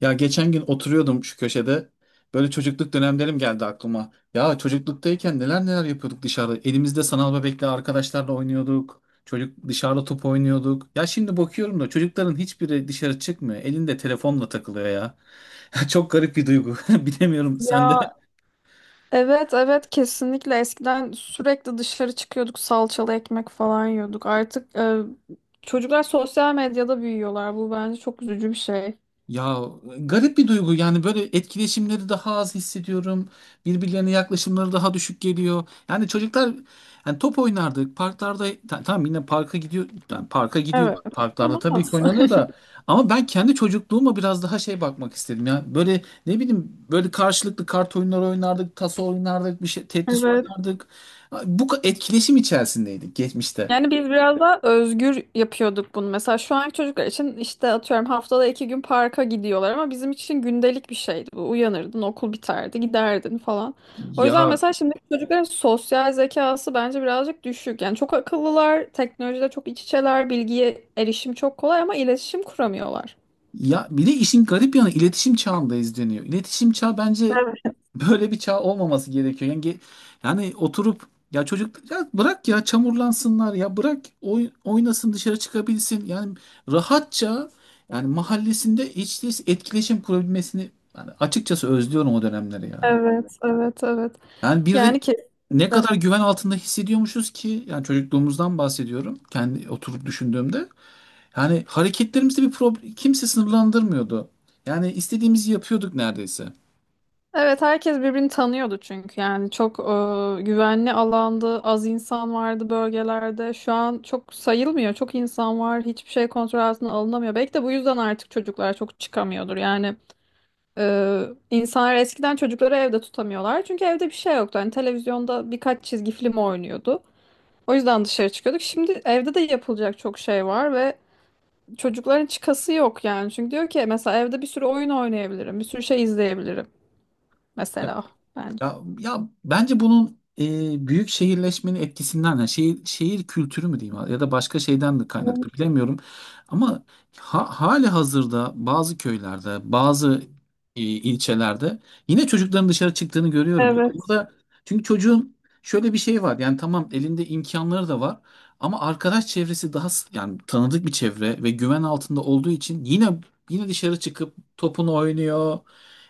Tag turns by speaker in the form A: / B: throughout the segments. A: Ya geçen gün oturuyordum şu köşede. Böyle çocukluk dönemlerim geldi aklıma. Ya çocukluktayken neler neler yapıyorduk dışarıda. Elimizde sanal bebekle arkadaşlarla oynuyorduk. Çocuk dışarıda top oynuyorduk. Ya şimdi bakıyorum da çocukların hiçbiri dışarı çıkmıyor. Elinde telefonla takılıyor ya. Çok garip bir duygu. Bilemiyorum sende.
B: Ya evet, evet, kesinlikle eskiden sürekli dışarı çıkıyorduk, salçalı ekmek falan yiyorduk. Artık çocuklar sosyal medyada büyüyorlar. Bu bence çok üzücü bir şey.
A: Ya, garip bir duygu yani böyle etkileşimleri daha az hissediyorum. Birbirlerine yaklaşımları daha düşük geliyor. Yani çocuklar yani top oynardık parklarda tamam, yine parka gidiyor yani parka gidiyor.
B: Evet.
A: Parklarda
B: Ama
A: tabii ki
B: nasıl?
A: oynanıyor da ama ben kendi çocukluğuma biraz daha şey bakmak istedim ya. Böyle ne bileyim böyle karşılıklı kart oyunları oynardık, taso oynardık, bir şey Tetris
B: Evet.
A: oynardık. Etkileşim içerisindeydik geçmişte.
B: Yani biz biraz daha özgür yapıyorduk bunu. Mesela şu anki çocuklar için işte atıyorum haftada iki gün parka gidiyorlar ama bizim için gündelik bir şeydi bu. Uyanırdın, okul biterdi, giderdin falan. O yüzden
A: Ya
B: mesela şimdiki çocukların sosyal zekası bence birazcık düşük. Yani çok akıllılar, teknolojide çok iç içeler, bilgiye erişim çok kolay ama iletişim kuramıyorlar.
A: Ya, bir de işin garip yanı iletişim çağındayız deniyor. İletişim çağı bence
B: Evet,
A: böyle bir çağ olmaması gerekiyor. Yani, yani oturup ya çocuk ya bırak ya çamurlansınlar, ya bırak oynasın, dışarı çıkabilsin. Yani rahatça, yani mahallesinde hiç değilse etkileşim kurabilmesini, yani açıkçası özlüyorum o dönemleri yani.
B: evet, evet, evet.
A: Yani bir de
B: Yani kesinlikle.
A: ne kadar güven altında hissediyormuşuz ki yani çocukluğumuzdan bahsediyorum kendi oturup düşündüğümde. Yani hareketlerimizde bir problem, kimse sınırlandırmıyordu. Yani istediğimizi yapıyorduk neredeyse.
B: Evet, herkes birbirini tanıyordu çünkü yani çok güvenli alandı, az insan vardı bölgelerde. Şu an çok sayılmıyor, çok insan var, hiçbir şey kontrol altına alınamıyor. Belki de bu yüzden artık çocuklar çok çıkamıyordur. Yani e, insanlar eskiden çocukları evde tutamıyorlar çünkü evde bir şey yoktu. Hani televizyonda birkaç çizgi film oynuyordu. O yüzden dışarı çıkıyorduk. Şimdi evde de yapılacak çok şey var ve çocukların çıkası yok yani. Çünkü diyor ki mesela evde bir sürü oyun oynayabilirim, bir sürü şey izleyebilirim mesela. Bence.
A: Ya, bence bunun büyük şehirleşmenin etkisinden, yani şehir, şehir kültürü mü diyeyim ya da başka şeyden de kaynaklı bilemiyorum. Ama ha, hali hazırda bazı köylerde, bazı ilçelerde yine çocukların dışarı çıktığını görüyorum. Yani
B: Evet,
A: burada, çünkü çocuğun şöyle bir şey var yani tamam, elinde imkanları da var ama arkadaş çevresi daha yani tanıdık bir çevre ve güven altında olduğu için yine dışarı çıkıp topunu oynuyor.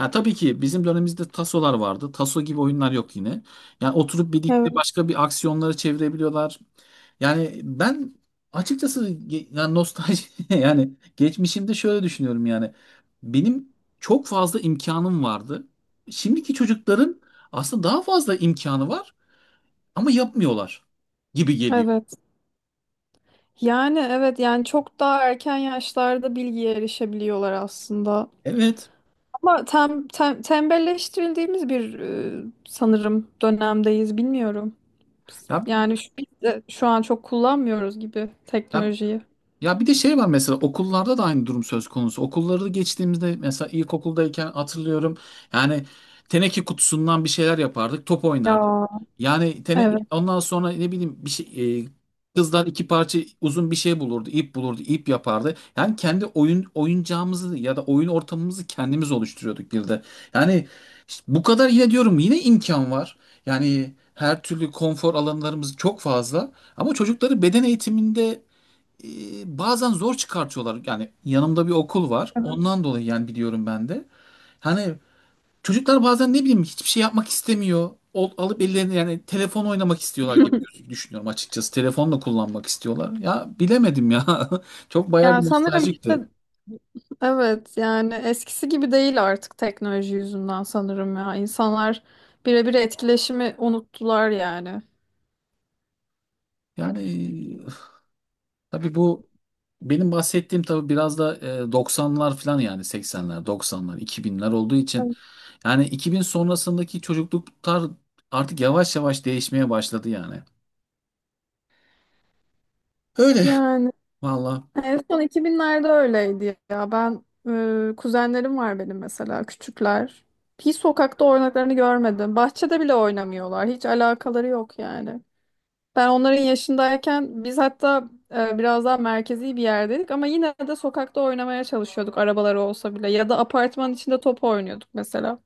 A: Ya tabii ki bizim dönemimizde tasolar vardı. Taso gibi oyunlar yok yine. Yani oturup birlikte
B: evet,
A: başka bir aksiyonları çevirebiliyorlar. Yani ben açıkçası yani nostalji yani geçmişimde şöyle düşünüyorum yani. Benim çok fazla imkanım vardı. Şimdiki çocukların aslında daha fazla imkanı var ama yapmıyorlar gibi geliyor.
B: evet. Yani evet yani çok daha erken yaşlarda bilgiye erişebiliyorlar aslında.
A: Evet.
B: Ama tembelleştirildiğimiz bir sanırım dönemdeyiz, bilmiyorum.
A: Ya,
B: Yani şu, biz de şu an çok kullanmıyoruz gibi
A: ya
B: teknolojiyi.
A: Ya, bir de şey var, mesela okullarda da aynı durum söz konusu. Okulları geçtiğimizde mesela ilkokuldayken hatırlıyorum. Yani teneke kutusundan bir şeyler yapardık, top oynardık.
B: Ya.
A: Yani
B: Evet.
A: ondan sonra ne bileyim bir şey, kızlar iki parça uzun bir şey bulurdu, ip bulurdu, ip yapardı. Yani kendi oyun oyuncağımızı ya da oyun ortamımızı kendimiz oluşturuyorduk bir de. Yani işte bu kadar, yine diyorum, yine imkan var. Yani her türlü konfor alanlarımız çok fazla ama çocukları beden eğitiminde bazen zor çıkartıyorlar. Yani yanımda bir okul var.
B: Evet.
A: Ondan dolayı yani biliyorum ben de. Hani çocuklar bazen ne bileyim hiçbir şey yapmak istemiyor. Alıp ellerine yani telefon oynamak istiyorlar gibi düşünüyorum açıkçası. Telefonla kullanmak istiyorlar. Ya bilemedim ya. Çok bayağı
B: Ya
A: bir
B: sanırım işte
A: nostaljikti.
B: evet yani eskisi gibi değil artık teknoloji yüzünden sanırım ya. İnsanlar birebir etkileşimi unuttular yani.
A: Yani tabii bu benim bahsettiğim tabii biraz da 90'lar falan, yani 80'ler, 90'lar, 2000'ler olduğu için yani 2000 sonrasındaki çocukluklar artık yavaş yavaş değişmeye başladı yani. Öyle,
B: Yani
A: valla.
B: en son iki binlerde öyleydi ya. Ben kuzenlerim var benim mesela küçükler. Hiç sokakta oynaklarını görmedim. Bahçede bile oynamıyorlar. Hiç alakaları yok yani. Ben onların yaşındayken biz hatta biraz daha merkezi bir yerdeydik ama yine de sokakta oynamaya çalışıyorduk arabaları olsa bile ya da apartmanın içinde top oynuyorduk mesela.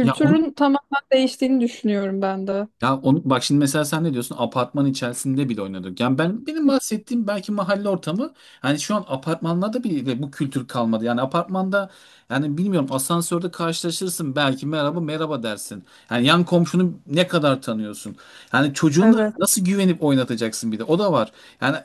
A: Ya onu
B: tamamen değiştiğini düşünüyorum ben de.
A: Ya onu, bak şimdi mesela sen ne diyorsun? Apartman içerisinde bile oynadık. Yani ben, benim bahsettiğim belki mahalle ortamı. Hani şu an apartmanlarda bile bu kültür kalmadı. Yani apartmanda, yani bilmiyorum, asansörde karşılaşırsın belki, merhaba merhaba dersin. Yani yan komşunu ne kadar tanıyorsun? Yani çocuğuna
B: Evet.
A: nasıl güvenip oynatacaksın, bir de o da var. Yani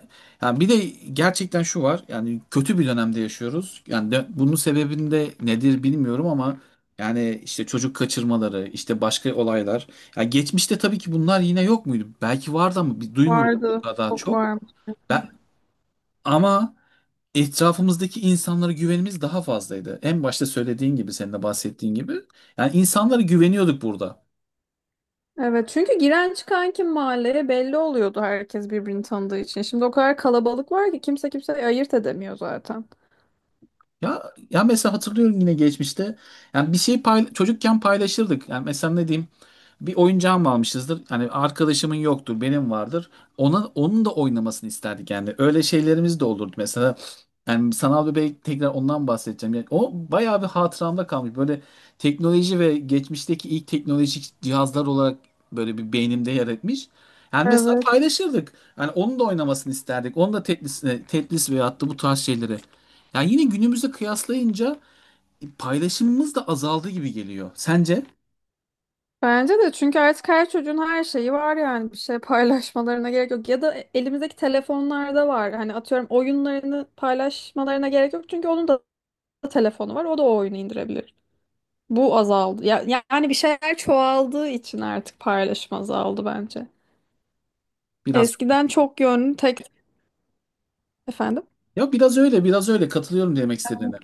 A: yani bir de gerçekten şu var. Yani kötü bir dönemde yaşıyoruz. Yani bunun sebebinde nedir bilmiyorum ama yani işte çocuk kaçırmaları, işte başka olaylar. Ya geçmişte tabii ki bunlar yine yok muydu? Belki vardı ama biz duymuyorduk bu
B: Vardı.
A: kadar
B: Çok
A: çok.
B: var.
A: Ben Ama etrafımızdaki insanlara güvenimiz daha fazlaydı. En başta söylediğin gibi, senin de bahsettiğin gibi. Yani insanlara güveniyorduk burada.
B: Evet çünkü giren çıkan kim mahalleye belli oluyordu herkes birbirini tanıdığı için. Şimdi o kadar kalabalık var ki kimse kimseyi ayırt edemiyor zaten.
A: Ya, mesela hatırlıyorum yine geçmişte. Yani bir şey çocukken paylaşırdık. Yani mesela ne diyeyim? Bir oyuncağımı almışızdır. Hani arkadaşımın yoktur, benim vardır. Ona, onun da oynamasını isterdik yani. Öyle şeylerimiz de olurdu mesela. Yani sanal bebek, tekrar ondan bahsedeceğim. Yani o bayağı bir hatıramda kalmış. Böyle teknoloji ve geçmişteki ilk teknolojik cihazlar olarak böyle bir beynimde yer etmiş. Yani mesela
B: Evet.
A: paylaşırdık. Yani onun da oynamasını isterdik. Onun da Tetris'ine, Tetris veyahut da bu tarz şeyleri. Yani yine günümüzde kıyaslayınca paylaşımımız da azaldı gibi geliyor. Sence?
B: Bence de çünkü artık her çocuğun her şeyi var yani bir şey paylaşmalarına gerek yok. Ya da elimizdeki telefonlarda var. Hani atıyorum oyunlarını paylaşmalarına gerek yok. Çünkü onun da telefonu var. O da o oyunu indirebilir. Bu azaldı. Ya, yani bir şeyler çoğaldığı için artık paylaşım azaldı bence.
A: Biraz öyle.
B: Eskiden çok yönlü tek efendim.
A: Ya biraz öyle, biraz öyle. Katılıyorum demek istediğine.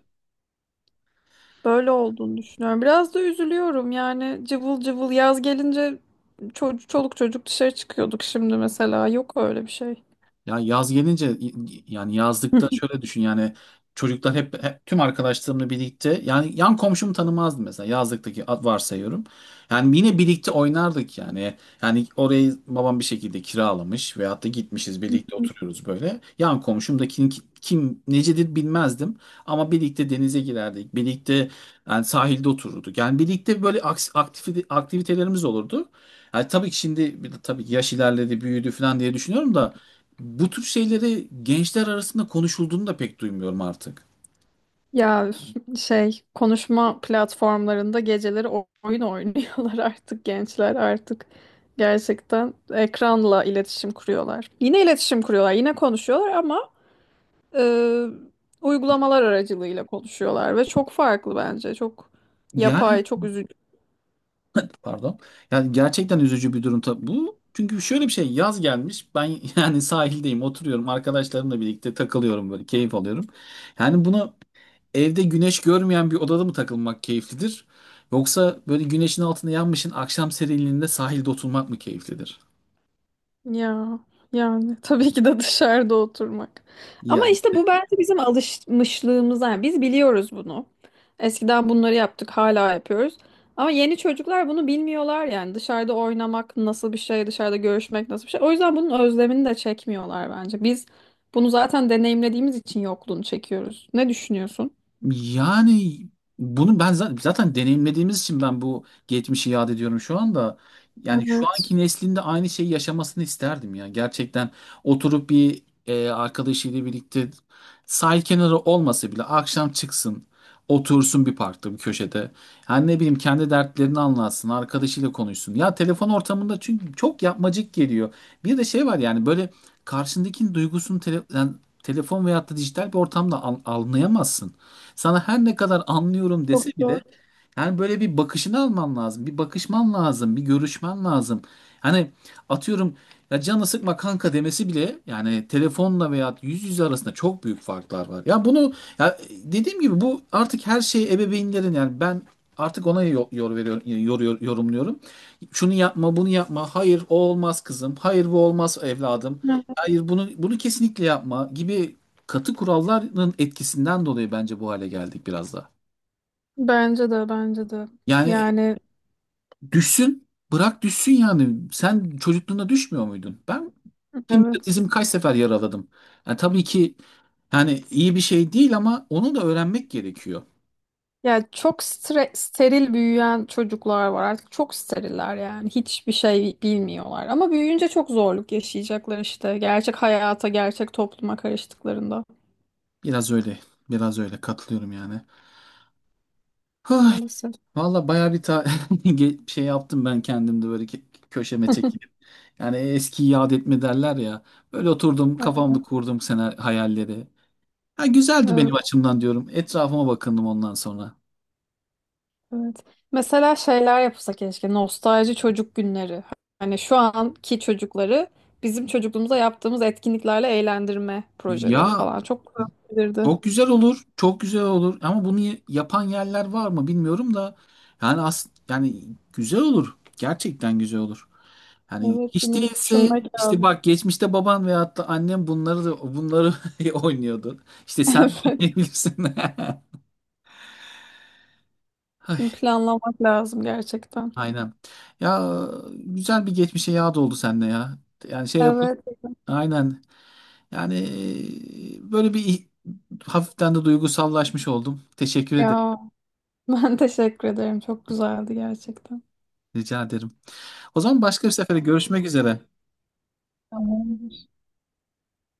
B: Böyle olduğunu düşünüyorum. Biraz da üzülüyorum yani cıvıl cıvıl yaz gelince çoluk çocuk dışarı çıkıyorduk, şimdi mesela yok öyle bir şey.
A: Ya yaz gelince, yani yazlıkta şöyle düşün yani, çocuklar hep tüm arkadaşlarımla birlikte, yani yan komşumu tanımazdım mesela yazlıktaki, varsayıyorum. Yani yine birlikte oynardık yani. Yani orayı babam bir şekilde kiralamış veyahut da gitmişiz, birlikte oturuyoruz böyle. Yan komşumdakinin kim necedir bilmezdim ama birlikte denize girerdik. Birlikte, yani sahilde otururduk. Yani birlikte böyle aktivitelerimiz olurdu. Yani tabii ki şimdi bir de, tabii ki yaş ilerledi, büyüdü falan diye düşünüyorum da, bu tür şeyleri gençler arasında konuşulduğunu da pek duymuyorum artık.
B: Ya şey, konuşma platformlarında geceleri oyun oynuyorlar artık gençler, artık gerçekten ekranla iletişim kuruyorlar. Yine iletişim kuruyorlar, yine konuşuyorlar ama e, uygulamalar aracılığıyla konuşuyorlar ve çok farklı, bence çok
A: Yani
B: yapay, çok üzücü.
A: pardon. Yani gerçekten üzücü bir durum tabii bu. Çünkü şöyle bir şey, yaz gelmiş. Ben yani sahildeyim, oturuyorum arkadaşlarımla birlikte, takılıyorum böyle, keyif alıyorum. Yani buna, evde güneş görmeyen bir odada mı takılmak keyiflidir? Yoksa böyle güneşin altında yanmışın, akşam serinliğinde sahilde oturmak mı keyiflidir?
B: Ya yani tabii ki de dışarıda oturmak. Ama
A: Ya.
B: işte bu bence bizim alışmışlığımız. Yani biz biliyoruz bunu. Eskiden bunları yaptık, hala yapıyoruz. Ama yeni çocuklar bunu bilmiyorlar yani. Dışarıda oynamak nasıl bir şey, dışarıda görüşmek nasıl bir şey. O yüzden bunun özlemini de çekmiyorlar bence. Biz bunu zaten deneyimlediğimiz için yokluğunu çekiyoruz. Ne düşünüyorsun?
A: Yani bunu ben zaten deneyimlediğimiz için ben bu geçmişi yad ediyorum şu anda. Yani şu
B: Evet.
A: anki neslinde aynı şeyi yaşamasını isterdim ya. Gerçekten oturup bir arkadaşıyla birlikte, sahil kenarı olmasa bile akşam çıksın, otursun bir parkta, bir köşede. Yani ne bileyim kendi dertlerini anlatsın, arkadaşıyla konuşsun. Ya telefon ortamında çünkü çok yapmacık geliyor. Bir de şey var, yani böyle karşındakinin duygusunu yani telefon veyahut da dijital bir ortamda anlayamazsın. Sana her ne kadar anlıyorum
B: Çok
A: dese bile
B: zor.
A: yani böyle bir bakışını alman lazım. Bir bakışman lazım. Bir görüşmen lazım. Hani atıyorum, ya canı sıkma kanka demesi bile, yani telefonla veya yüz yüze arasında çok büyük farklar var. Ya bunu, ya dediğim gibi bu artık her şey ebeveynlerin, yani ben artık ona yor, yor veriyorum, yor, yor, yorumluyorum. Şunu yapma, bunu yapma. Hayır, o olmaz kızım. Hayır, bu olmaz evladım.
B: Evet.
A: Hayır, bunu kesinlikle yapma gibi katı kuralların etkisinden dolayı bence bu hale geldik biraz da.
B: Bence de, bence de.
A: Yani
B: Yani
A: düşsün, bırak düşsün yani. Sen çocukluğunda düşmüyor muydun? Ben kim bilir
B: evet.
A: dizimi kaç sefer yaraladım. Yani tabii ki, yani iyi bir şey değil ama onu da öğrenmek gerekiyor.
B: Ya çok steril büyüyen çocuklar var artık, çok steriller yani, hiçbir şey bilmiyorlar ama büyüyünce çok zorluk yaşayacaklar işte gerçek hayata, gerçek topluma karıştıklarında
A: Biraz öyle, biraz öyle, katılıyorum yani. Ay,
B: maalesef.
A: valla bayağı bir şey yaptım ben kendimde, böyle köşeme çekilip. Yani eskiyi yad etme derler ya. Böyle oturdum, kafamda kurdum sene hayalleri. Ha, güzeldi
B: Evet,
A: benim açımdan diyorum. Etrafıma bakındım ondan sonra.
B: evet. Mesela şeyler yapılsa keşke, nostalji çocuk günleri, hani şu anki çocukları bizim çocukluğumuza yaptığımız etkinliklerle eğlendirme projeleri
A: Ya
B: falan çok güzel olabilirdi.
A: çok güzel olur, çok güzel olur. Ama bunu yapan yerler var mı bilmiyorum da. Yani yani güzel olur. Gerçekten güzel olur. Yani
B: Evet,
A: hiç
B: bunu bir
A: değilse
B: düşünmek
A: işte
B: lazım.
A: bak, geçmişte baban veyahut da annem bunları oynuyordu. İşte sen de
B: Evet,
A: oynayabilirsin.
B: bunu
A: Ay,
B: planlamak lazım gerçekten.
A: Aynen. Ya güzel bir geçmişe yağ doldu sende ya. Yani şey yapın.
B: Evet.
A: Aynen. Yani böyle bir, hafiften de duygusallaşmış oldum. Teşekkür ederim.
B: Ya ben teşekkür ederim. Çok güzeldi gerçekten.
A: Rica ederim. O zaman başka bir sefere görüşmek üzere.